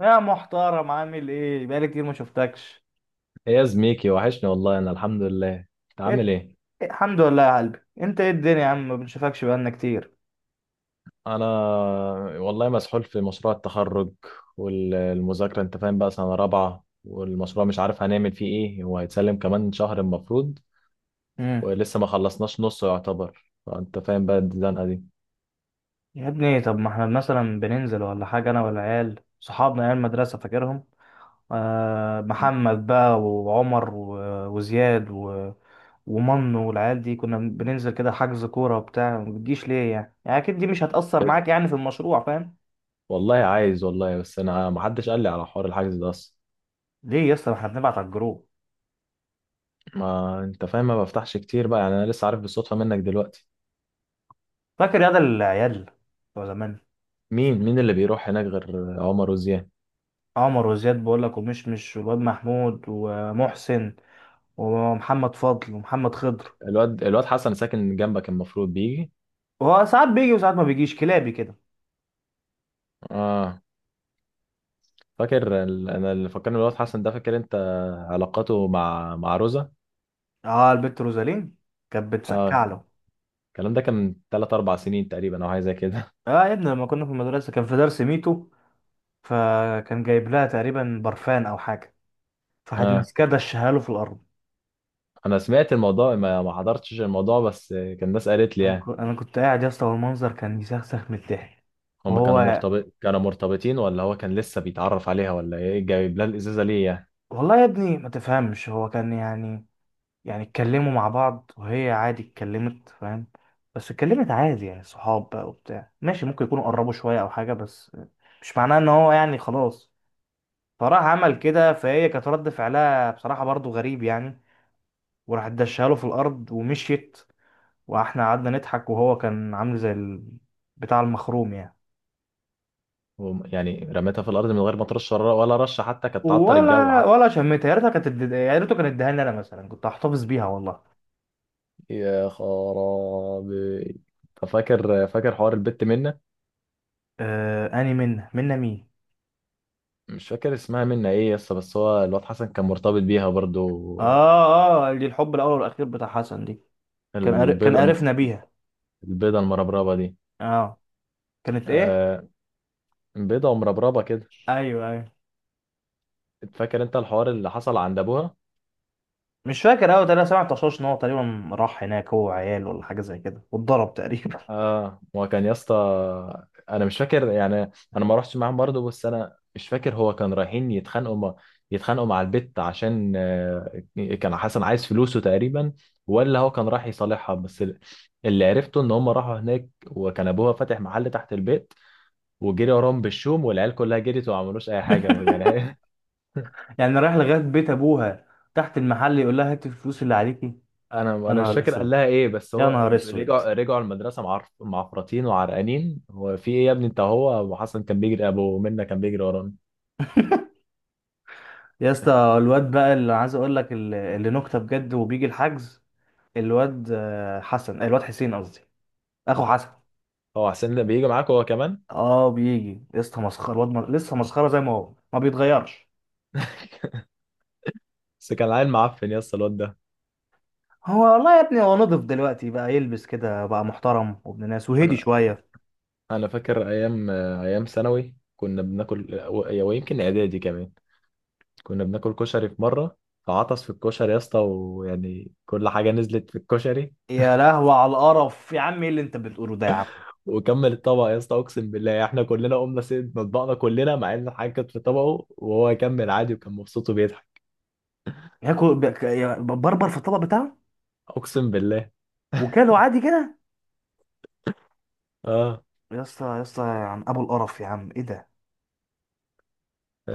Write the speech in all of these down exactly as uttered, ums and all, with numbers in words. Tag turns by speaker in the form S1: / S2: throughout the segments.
S1: يا محترم، عامل ايه؟ بقالي كتير ما شفتكش.
S2: ايه يا زميكي، وحشني والله. انا الحمد لله. انت عامل
S1: إيه؟
S2: ايه؟
S1: الحمد لله يا قلبي، انت ايه الدنيا يا عم؟ ما بنشوفكش بقالنا كتير.
S2: انا والله مسحول في مشروع التخرج والمذاكره، انت فاهم بقى، سنه رابعه، والمشروع مش عارف هنعمل فيه ايه. هو هيتسلم كمان شهر المفروض،
S1: امم
S2: ولسه ما خلصناش نصه يعتبر، فانت فاهم بقى الزنقه دي.
S1: يا ابني، طب ما احنا مثلا بننزل ولا حاجه، انا والعيال صحابنا عيال المدرسه فاكرهم. آه، محمد بقى وعمر و- وزياد و... ومنو والعيال دي. كنا بننزل كده، حجز كوره وبتاع. ما بتجيش ليه يعني؟ يعني اكيد دي مش هتأثر معاك يعني في المشروع، فاهم.
S2: والله عايز والله، بس انا ما حدش قال لي على حوار الحجز ده اصلا.
S1: ليه يا اسطى؟ ما احنا بنبعت على الجروب.
S2: ما انت فاهم، ما بفتحش كتير بقى يعني، انا لسه عارف بالصدفه منك دلوقتي.
S1: فاكر يا ده العيال بتوع زمان؟
S2: مين مين اللي بيروح هناك غير عمر وزياد؟
S1: عمر وزياد بقول لك، ومشمش، والواد محمود ومحسن ومحمد فضل ومحمد خضر.
S2: الواد الواد حسن ساكن جنبك المفروض بيجي.
S1: هو ساعات بيجي وساعات ما بيجيش، كلابي كده.
S2: اه. فاكر ال- انا اللي فكرني بالواد حسن ده؟ فاكر انت علاقته مع مع روزا؟
S1: اه، البت روزالين كانت
S2: اه،
S1: بتسكع له.
S2: الكلام ده كان من تلات اربع سنين تقريبا او حاجه زي كده.
S1: اه يا ابني، لما كنا في المدرسه كان في درس ميتو، فكان جايب لها تقريبا برفان او حاجه. فحد
S2: اه،
S1: ماسكاه دشها له في الارض.
S2: انا سمعت الموضوع، ما ما حضرتش الموضوع، بس كان الناس قالت لي
S1: انا ك-
S2: يعني.
S1: أنا كنت قاعد يا اسطى، والمنظر كان يسخسخ من الضحك.
S2: هما كانوا
S1: وهو
S2: مرتبط كانوا مرتبطين، ولا هو كان لسه بيتعرف عليها ولا ايه؟ جايب لها الازازه ليه يعني؟
S1: والله يا ابني ما تفهمش. هو كان يعني، يعني اتكلموا مع بعض، وهي عادي اتكلمت، فاهم. بس اتكلمت عادي يعني، صحاب بقى وبتاع، ماشي، ممكن يكونوا قربوا شوية أو حاجة، بس مش معناه إن هو يعني خلاص. فراح عمل كده، فهي كانت رد فعلها بصراحة برضو غريب يعني. وراحت دشها له في الأرض ومشيت. وإحنا قعدنا نضحك، وهو كان عامل زي ال... بتاع المخروم يعني.
S2: وم- يعني رميتها في الارض من غير ما ترش، ولا ولا رشه حتى كانت تعطر الجو
S1: ولا
S2: حتى.
S1: ولا شميتها، يا ريتها كانت اد- يا ريته كان اداها لي أنا مثلا، كنت هحتفظ بيها والله.
S2: يا خرابي. فاكر فاكر حوار البت منة؟
S1: آه، أني منا منا مين؟
S2: مش فاكر اسمها منا ايه يسطا، بس هو الواد حسن كان مرتبط بيها برضو.
S1: آه آه، دي الحب الأول والأخير بتاع حسن دي. كان قار- كان
S2: البيضة الم-
S1: قرفنا بيها.
S2: البيضة المربربة دي.
S1: اه، كانت ايه؟
S2: آه، بيضة ومربربة كده.
S1: ايوه ايوه،
S2: فاكر انت الحوار اللي حصل عند ابوها؟
S1: مش فاكر قوي. انا سمعت طشاش ان هو تقريبا راح هناك، هو عيال ولا حاجه زي كده، واتضرب تقريبا.
S2: اه، هو كان يسطا، انا مش فاكر يعني. انا ما روحتش معاهم برضو، بس انا مش فاكر، هو كان رايحين يتخانقوا مع يتخانقوا مع البت، عشان آه، كان حسن عايز فلوسه تقريبا، ولا هو كان رايح يصالحها بس. اللي عرفته ان هم راحوا هناك، وكان ابوها فاتح محل تحت البيت، وجري وراهم بالشوم، والعيال كلها جريت وما عملوش اي حاجه يعني.
S1: يعني رايح لغايه بيت ابوها تحت المحل يقول لها هاتي الفلوس اللي عليكي؟
S2: انا
S1: يا
S2: انا مش
S1: نهار
S2: فاكر قال
S1: اسود،
S2: لها ايه بس
S1: يا
S2: هو.
S1: نهار اسود.
S2: رجعوا رجعوا المدرسه معرف معفرطين وعرقانين، هو في ايه يا ابني انت؟ هو ابو حسن كان بيجري، ابو منة كان بيجري ورانا.
S1: يا اسطى، الواد بقى اللي عايز اقول لك، اللي اللي نكته بجد، وبيجي الحجز. الواد آه، حسن، آه، الواد حسين قصدي، اخو حسن.
S2: هو حسين ده بيجي معاك هو كمان؟
S1: اه بيجي يا اسطى، مسخره الواد، م- لسه مسخره زي ما هو، ما بيتغيرش.
S2: بس كان عيل معفن يا اسطى الواد ده.
S1: هو والله يا ابني، هو نضف دلوقتي بقى، يلبس كده بقى محترم وابن ناس، وهدي
S2: انا
S1: شوية.
S2: انا فاكر ايام ايام ثانوي كنا بناكل و- ويمكن اعدادي كمان. كنا بناكل كشري في مره، فعطس في الكشري يا اسطى، ويعني كل حاجه نزلت في الكشري.
S1: يا لهوي على القرف يا عم، ايه اللي انت بتقوله ده يا عم؟
S2: وكمل الطبق يا اسطى، اقسم بالله احنا كلنا قمنا سيد مطبقنا كلنا، مع ان الحاجه كانت في طبقه وهو كمل عادي وكان مبسوط وبيضحك.
S1: ياكل بك- يا- بربر في الطبق بتاعه
S2: اقسم بالله.
S1: وكاله عادي كده؟
S2: اه،
S1: يا اسطى، يا اسطى، يا عم ابو القرف، يا عم ايه ده؟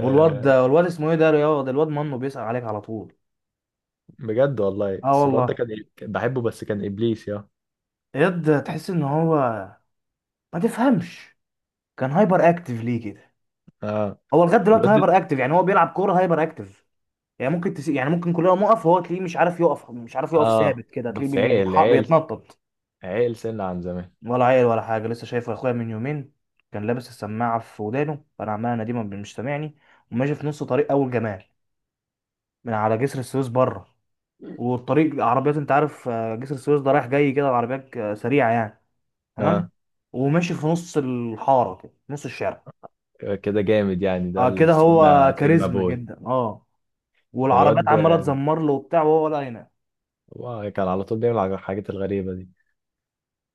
S1: والواد ده والواد اسمه ايه ده؟ يا ده، الواد منه بيسأل عليك على طول.
S2: بجد والله.
S1: اه
S2: بس الواد ده
S1: والله.
S2: كان كان بحبه، بس كان ابليس يا.
S1: الواد تحس ان هو، ما تفهمش، كان هايبر اكتيف ليه كده؟
S2: اه.
S1: هو لغايه دلوقتي
S2: الواد ده.
S1: هايبر اكتيف، يعني هو بيلعب كوره هايبر اكتيف. يعني ممكن تس... يعني ممكن كلنا نقف، وهو تلاقيه مش عارف يقف، مش عارف يقف
S2: اه،
S1: ثابت كده، تلاقيه
S2: بس
S1: بي- بي-
S2: عقل
S1: بيتح-
S2: عقل
S1: بيتنطط.
S2: عقل سنة عن زمان.
S1: ولا عيل ولا حاجه. لسه شايفه اخويا من يومين، كان لابس السماعه في ودانه، فانا عمال اناديه ما بي- مش سامعني، وماشي في نص طريق اول جمال من على جسر السويس بره. والطريق عربيات، انت عارف، آه، جسر السويس ده رايح جاي كده، العربيات آه، سريعه يعني، تمام؟
S2: اه
S1: وماشي في نص الحاره كده، نص الشارع.
S2: كده جامد يعني، ده
S1: اه كده، هو
S2: السيجما سيجما
S1: كاريزما
S2: بوي.
S1: جدا، اه.
S2: الواد
S1: والعربيات عماله
S2: ده
S1: تزمر له وبتاع، وهو ولا ينام.
S2: هو كان على طول بيعمل الحاجات الغريبة دي.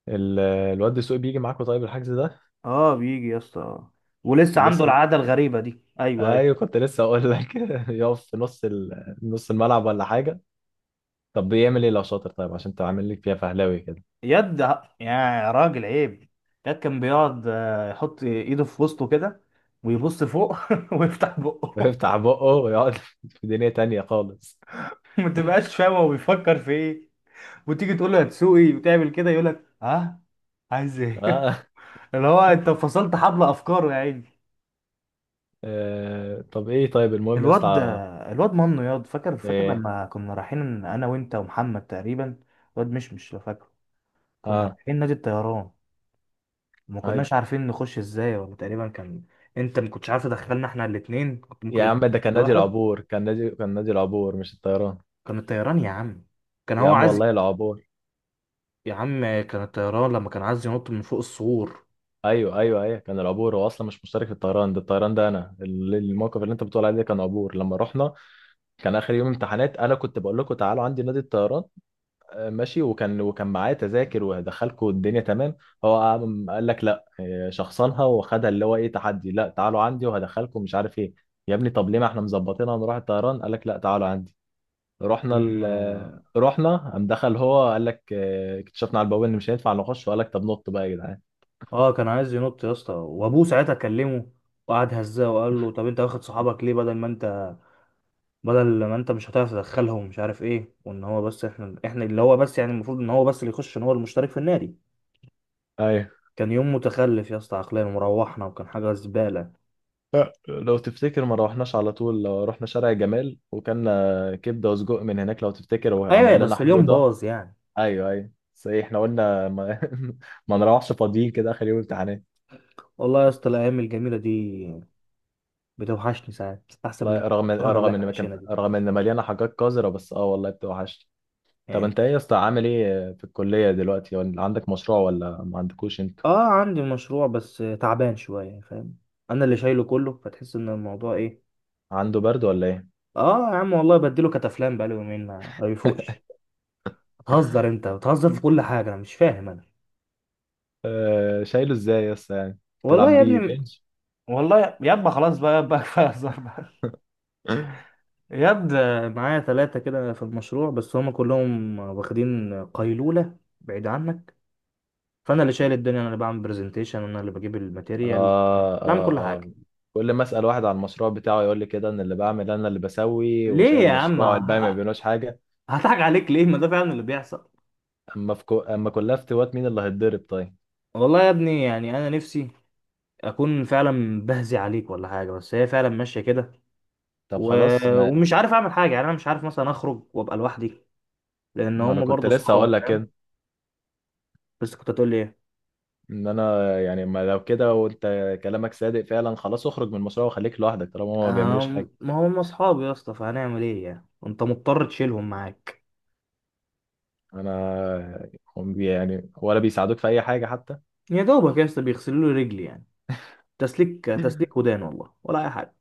S2: ال- الواد دسوقي بيجي معاكوا طيب الحجز ده؟
S1: اه بيجي يا اسطى، آه. ولسه عنده
S2: لسه؟
S1: العاده الغريبه دي، ايوه ايوه.
S2: ايوه، كنت لسه اقول لك. يقف في نص ال... نص الملعب ولا حاجه. طب بيعمل ايه لو شاطر طيب، عشان انت عامل لك فيها فهلاوي كده.
S1: يد يا راجل عيب. يد كان بيقعد، آه، يحط ايده في وسطه كده، ويبص فوق ويفتح بقه.
S2: بيفتح بقه ويقعد في دنيا تانية خالص.
S1: ما تبقاش فاهم هو بيفكر في ايه. وتيجي تقول له هتسوقي وتعمل كده يقول لك ها، عايز ايه؟
S2: اه،
S1: اللي هو، انت فصلت حبل افكاره يا عيني.
S2: آه. طب ايه، طيب المهم يا
S1: الواد،
S2: اسطى.
S1: الواد منه ياض، فاكر فاكر
S2: ايه.
S1: لما كنا رايحين انا وانت ومحمد تقريبا، الواد، مش مش لو فاكره، كنا
S2: اه.
S1: رايحين نادي الطيران. ما
S2: ايوه
S1: كناش عارفين نخش ازاي، ولا تقريبا كان انت ما كنتش عارف تدخلنا احنا الاثنين، كنت ممكن
S2: يا
S1: يبقى
S2: عم، ده كان
S1: ده
S2: نادي
S1: واحد.
S2: العبور، كان نادي كان نادي العبور مش الطيران.
S1: كان الطيران يا عم، كان
S2: يا
S1: هو
S2: عم
S1: عايز.
S2: والله العبور.
S1: يا عم كان الطيران، لما كان عايز ينط من فوق السور.
S2: ايوه ايوه ايوه، كان العبور. هو اصلا مش مشترك في الطيران ده. الطيران ده انا ال- الموقف اللي انت بتقول عليه ده كان عبور لما رحنا. كان اخر يوم امتحانات، انا كنت بقول لكم تعالوا عندي نادي الطيران. ماشي، وكان وكان معاه تذاكر وهدخلكوا الدنيا تمام. هو قام قال لك لا إيه، شخصنها وخدها، اللي هو ايه، تحدي، لا تعالوا عندي وهدخلكم مش عارف ايه. يا ابني طب ليه، ما احنا مظبطينها نروح الطيران؟ قال لك لا تعالوا عندي. رحنا
S1: كان
S2: ال...
S1: اه
S2: رحنا، قام دخل هو قال لك إيه، اكتشفنا على البوابه ان مش هينفع نخش، وقال لك طب نط بقى يا جدعان.
S1: آه، كان عايز ينط يا اسطى، وابوه ساعتها كلمه وقعد هزاه وقال له طب انت واخد صحابك ليه، بدل ما انت، بدل ما انت مش هتعرف تدخلهم، مش عارف ايه، وان هو بس، احنا احنا اللي هو بس يعني، المفروض ان هو بس اللي يخش، ان هو المشترك في النادي.
S2: ايوه.
S1: كان يوم متخلف يا اسطى عقليا، وروحنا وكان حاجه زباله.
S2: لو تفتكر ما روحناش على طول، لو رحنا شارع جمال وكلنا كبده وسجق من هناك لو تفتكر،
S1: ايوه،
S2: وعمل لنا
S1: بس اليوم
S2: حموضه.
S1: باظ يعني.
S2: ايوه ايوه، بس ايه، احنا قلنا ما، ما نروحش فاضيين كده اخر يوم امتحانات.
S1: والله يا اسطى الايام الجميله دي بتوحشني ساعات، احسن من
S2: والله رغم
S1: القرف اللي
S2: رغم
S1: احنا
S2: ان ما كان
S1: عايشينها دي
S2: رغم ان مليانه حاجات قذره، بس اه والله بتوحشني. طب
S1: يعني.
S2: انت ايه يا اسطى، عامل ايه في الكليه دلوقتي؟ ولا عندك مشروع ولا ما عندكوش انتوا؟
S1: اه عندي مشروع، بس تعبان شويه، فاهم. انا اللي شايله كله، فتحس ان الموضوع ايه.
S2: عنده برد ولا ايه؟
S1: اه يا عم والله، بديله كتافلام بقاله يومين ما ما بيفوقش. بتهزر، انت بتهزر في كل حاجه، انا مش فاهم انا.
S2: آه، شايله ازاي يا اسطى يعني؟
S1: والله
S2: تلعب
S1: يا
S2: بيه
S1: ابني.
S2: بنش؟
S1: والله يابا، خلاص بقى يابا، كفايه هزار بقى.
S2: اه.
S1: ياد، معايا ثلاثه كده في المشروع، بس هم كلهم واخدين قيلوله، بعيد عنك. فانا اللي شايل الدنيا، انا اللي بعمل برزنتيشن، انا اللي بجيب الماتيريال، أنا اللي
S2: اه.
S1: بعمل كل
S2: اه،
S1: حاجه.
S2: كل ما اسال واحد عن المشروع بتاعه يقول لي كده، ان اللي بعمل انا اللي بسوي
S1: ليه
S2: وشايل
S1: يا عم،
S2: المشروع، الباقي ما
S1: ه-
S2: بيعملوش حاجه.
S1: هضحك عليك ليه؟ ما ده فعلا اللي بيحصل.
S2: اما في كو... اما كلها افتوات، مين اللي هيتضرب طيب؟
S1: والله يا ابني، يعني انا نفسي اكون فعلا بهزي عليك ولا حاجه، بس هي فعلا ماشيه كده.
S2: طب
S1: و...
S2: خلاص ما،
S1: ومش عارف اعمل حاجه يعني. انا مش عارف مثلا اخرج وابقى لوحدي، لان
S2: ما انا
S1: هم
S2: كنت
S1: برضه
S2: لسه هقول
S1: اصحابي،
S2: لك
S1: فاهم.
S2: كده.
S1: بس كنت هتقول لي ايه؟
S2: ان انا يعني، ما لو كده وانت كلامك صادق فعلا، خلاص اخرج من المشروع وخليك لوحدك طالما هما ما بيعملوش
S1: أم...
S2: حاجه.
S1: ما هم اصحابي يا اسطى، فهنعمل ايه يعني، انت مضطر تشيلهم معاك.
S2: انا، هم بي- يعني ولا بيساعدوك في اي حاجه حتى؟
S1: يا دوبك يا اسطى بيغسلوا لي رجلي يعني، تسليك تسليك ودان والله، ولا اي حاجه.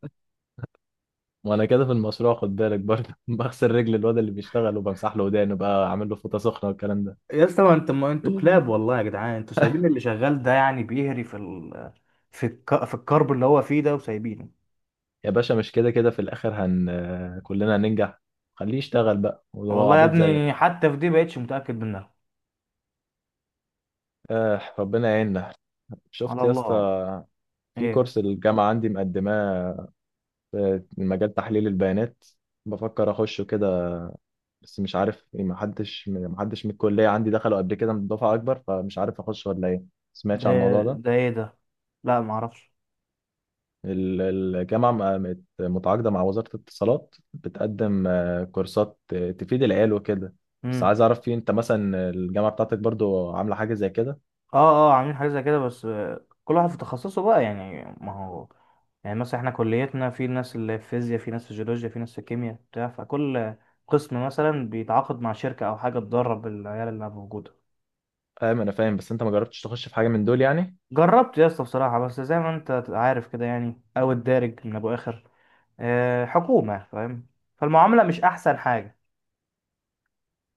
S2: وانا كده في المشروع خد بالك برضه، بغسل رجل الواد اللي بيشتغل وبمسح له ودانه بقى، عامل له فوطه سخنه والكلام ده.
S1: يا اسطى، ما انت ما انتوا كلاب والله يا جدعان، انتوا سايبين اللي شغال ده يعني بيهري في ال... في الك... في الكرب اللي هو فيه ده وسايبينه.
S2: يا باشا، مش كده كده في الاخر، هن كلنا هننجح. خليه يشتغل بقى وهو
S1: والله يا
S2: عبيط زيك.
S1: ابني، حتى في دي بقتش متأكد منها.
S2: آه ربنا يعيننا.
S1: على
S2: شفت يا اسطى؟
S1: الله.
S2: في
S1: ايه
S2: كورس الجامعه عندي مقدماه، مجال تحليل البيانات، بفكر اخشه كده. بس مش عارف يعني، ما حدش ما حدش من الكليه عندي دخلوا قبل كده من دفعه اكبر، فمش عارف اخش ولا ايه. سمعتش
S1: ده
S2: عن الموضوع ده؟
S1: ده ايه ده؟ لا، ما اعرفش.
S2: ال- الجامعه م- مت- متعاقده مع وزاره الاتصالات، بتقدم آه، كورسات آه، تفيد العيال وكده. بس
S1: امم.
S2: عايز اعرف، في انت مثلا الجامعه بتاعتك برضو عامله حاجه زي كده؟
S1: اه اه، عاملين حاجه زي كده، بس آه، كل واحد في تخصصه بقى يعني، ما هو يعني مثلا احنا كليتنا في ناس اللي في فيزياء، في ناس في جيولوجيا، في ناس في كيمياء بتاع، فكل قسم مثلا بيتعاقد مع شركه او حاجه تدرب العيال اللي موجوده.
S2: فاهم، انا فاهم، بس انت ما جربتش تخش في حاجه من دول يعني؟
S1: جربت يا اسطى بصراحة، بس زي ما انت تبقى عارف كده يعني، او الدارج من ابو اخر، آه، حكومة، فاهم. فالمعاملة مش احسن حاجة.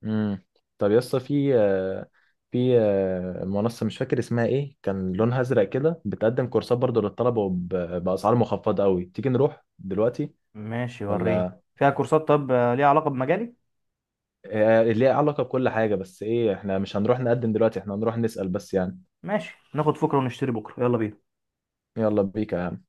S2: امم طب يا اسطى، في آه، في آه، منصه مش فاكر اسمها ايه، كان لونها ازرق كده، بتقدم كورسات برضو للطلبه وب- باسعار مخفضه قوي، تيجي نروح دلوقتي
S1: ماشي وريني.
S2: ولا؟
S1: فيها كورسات طب، آه، ليها علاقة بمجالي؟
S2: آه، ليها علاقه بكل حاجه، بس ايه احنا مش هنروح نقدم دلوقتي، احنا هنروح نسال بس يعني.
S1: ماشي، ناخد فكرة ونشتري بكرة، يلا بينا.
S2: يلا بيك يا عم.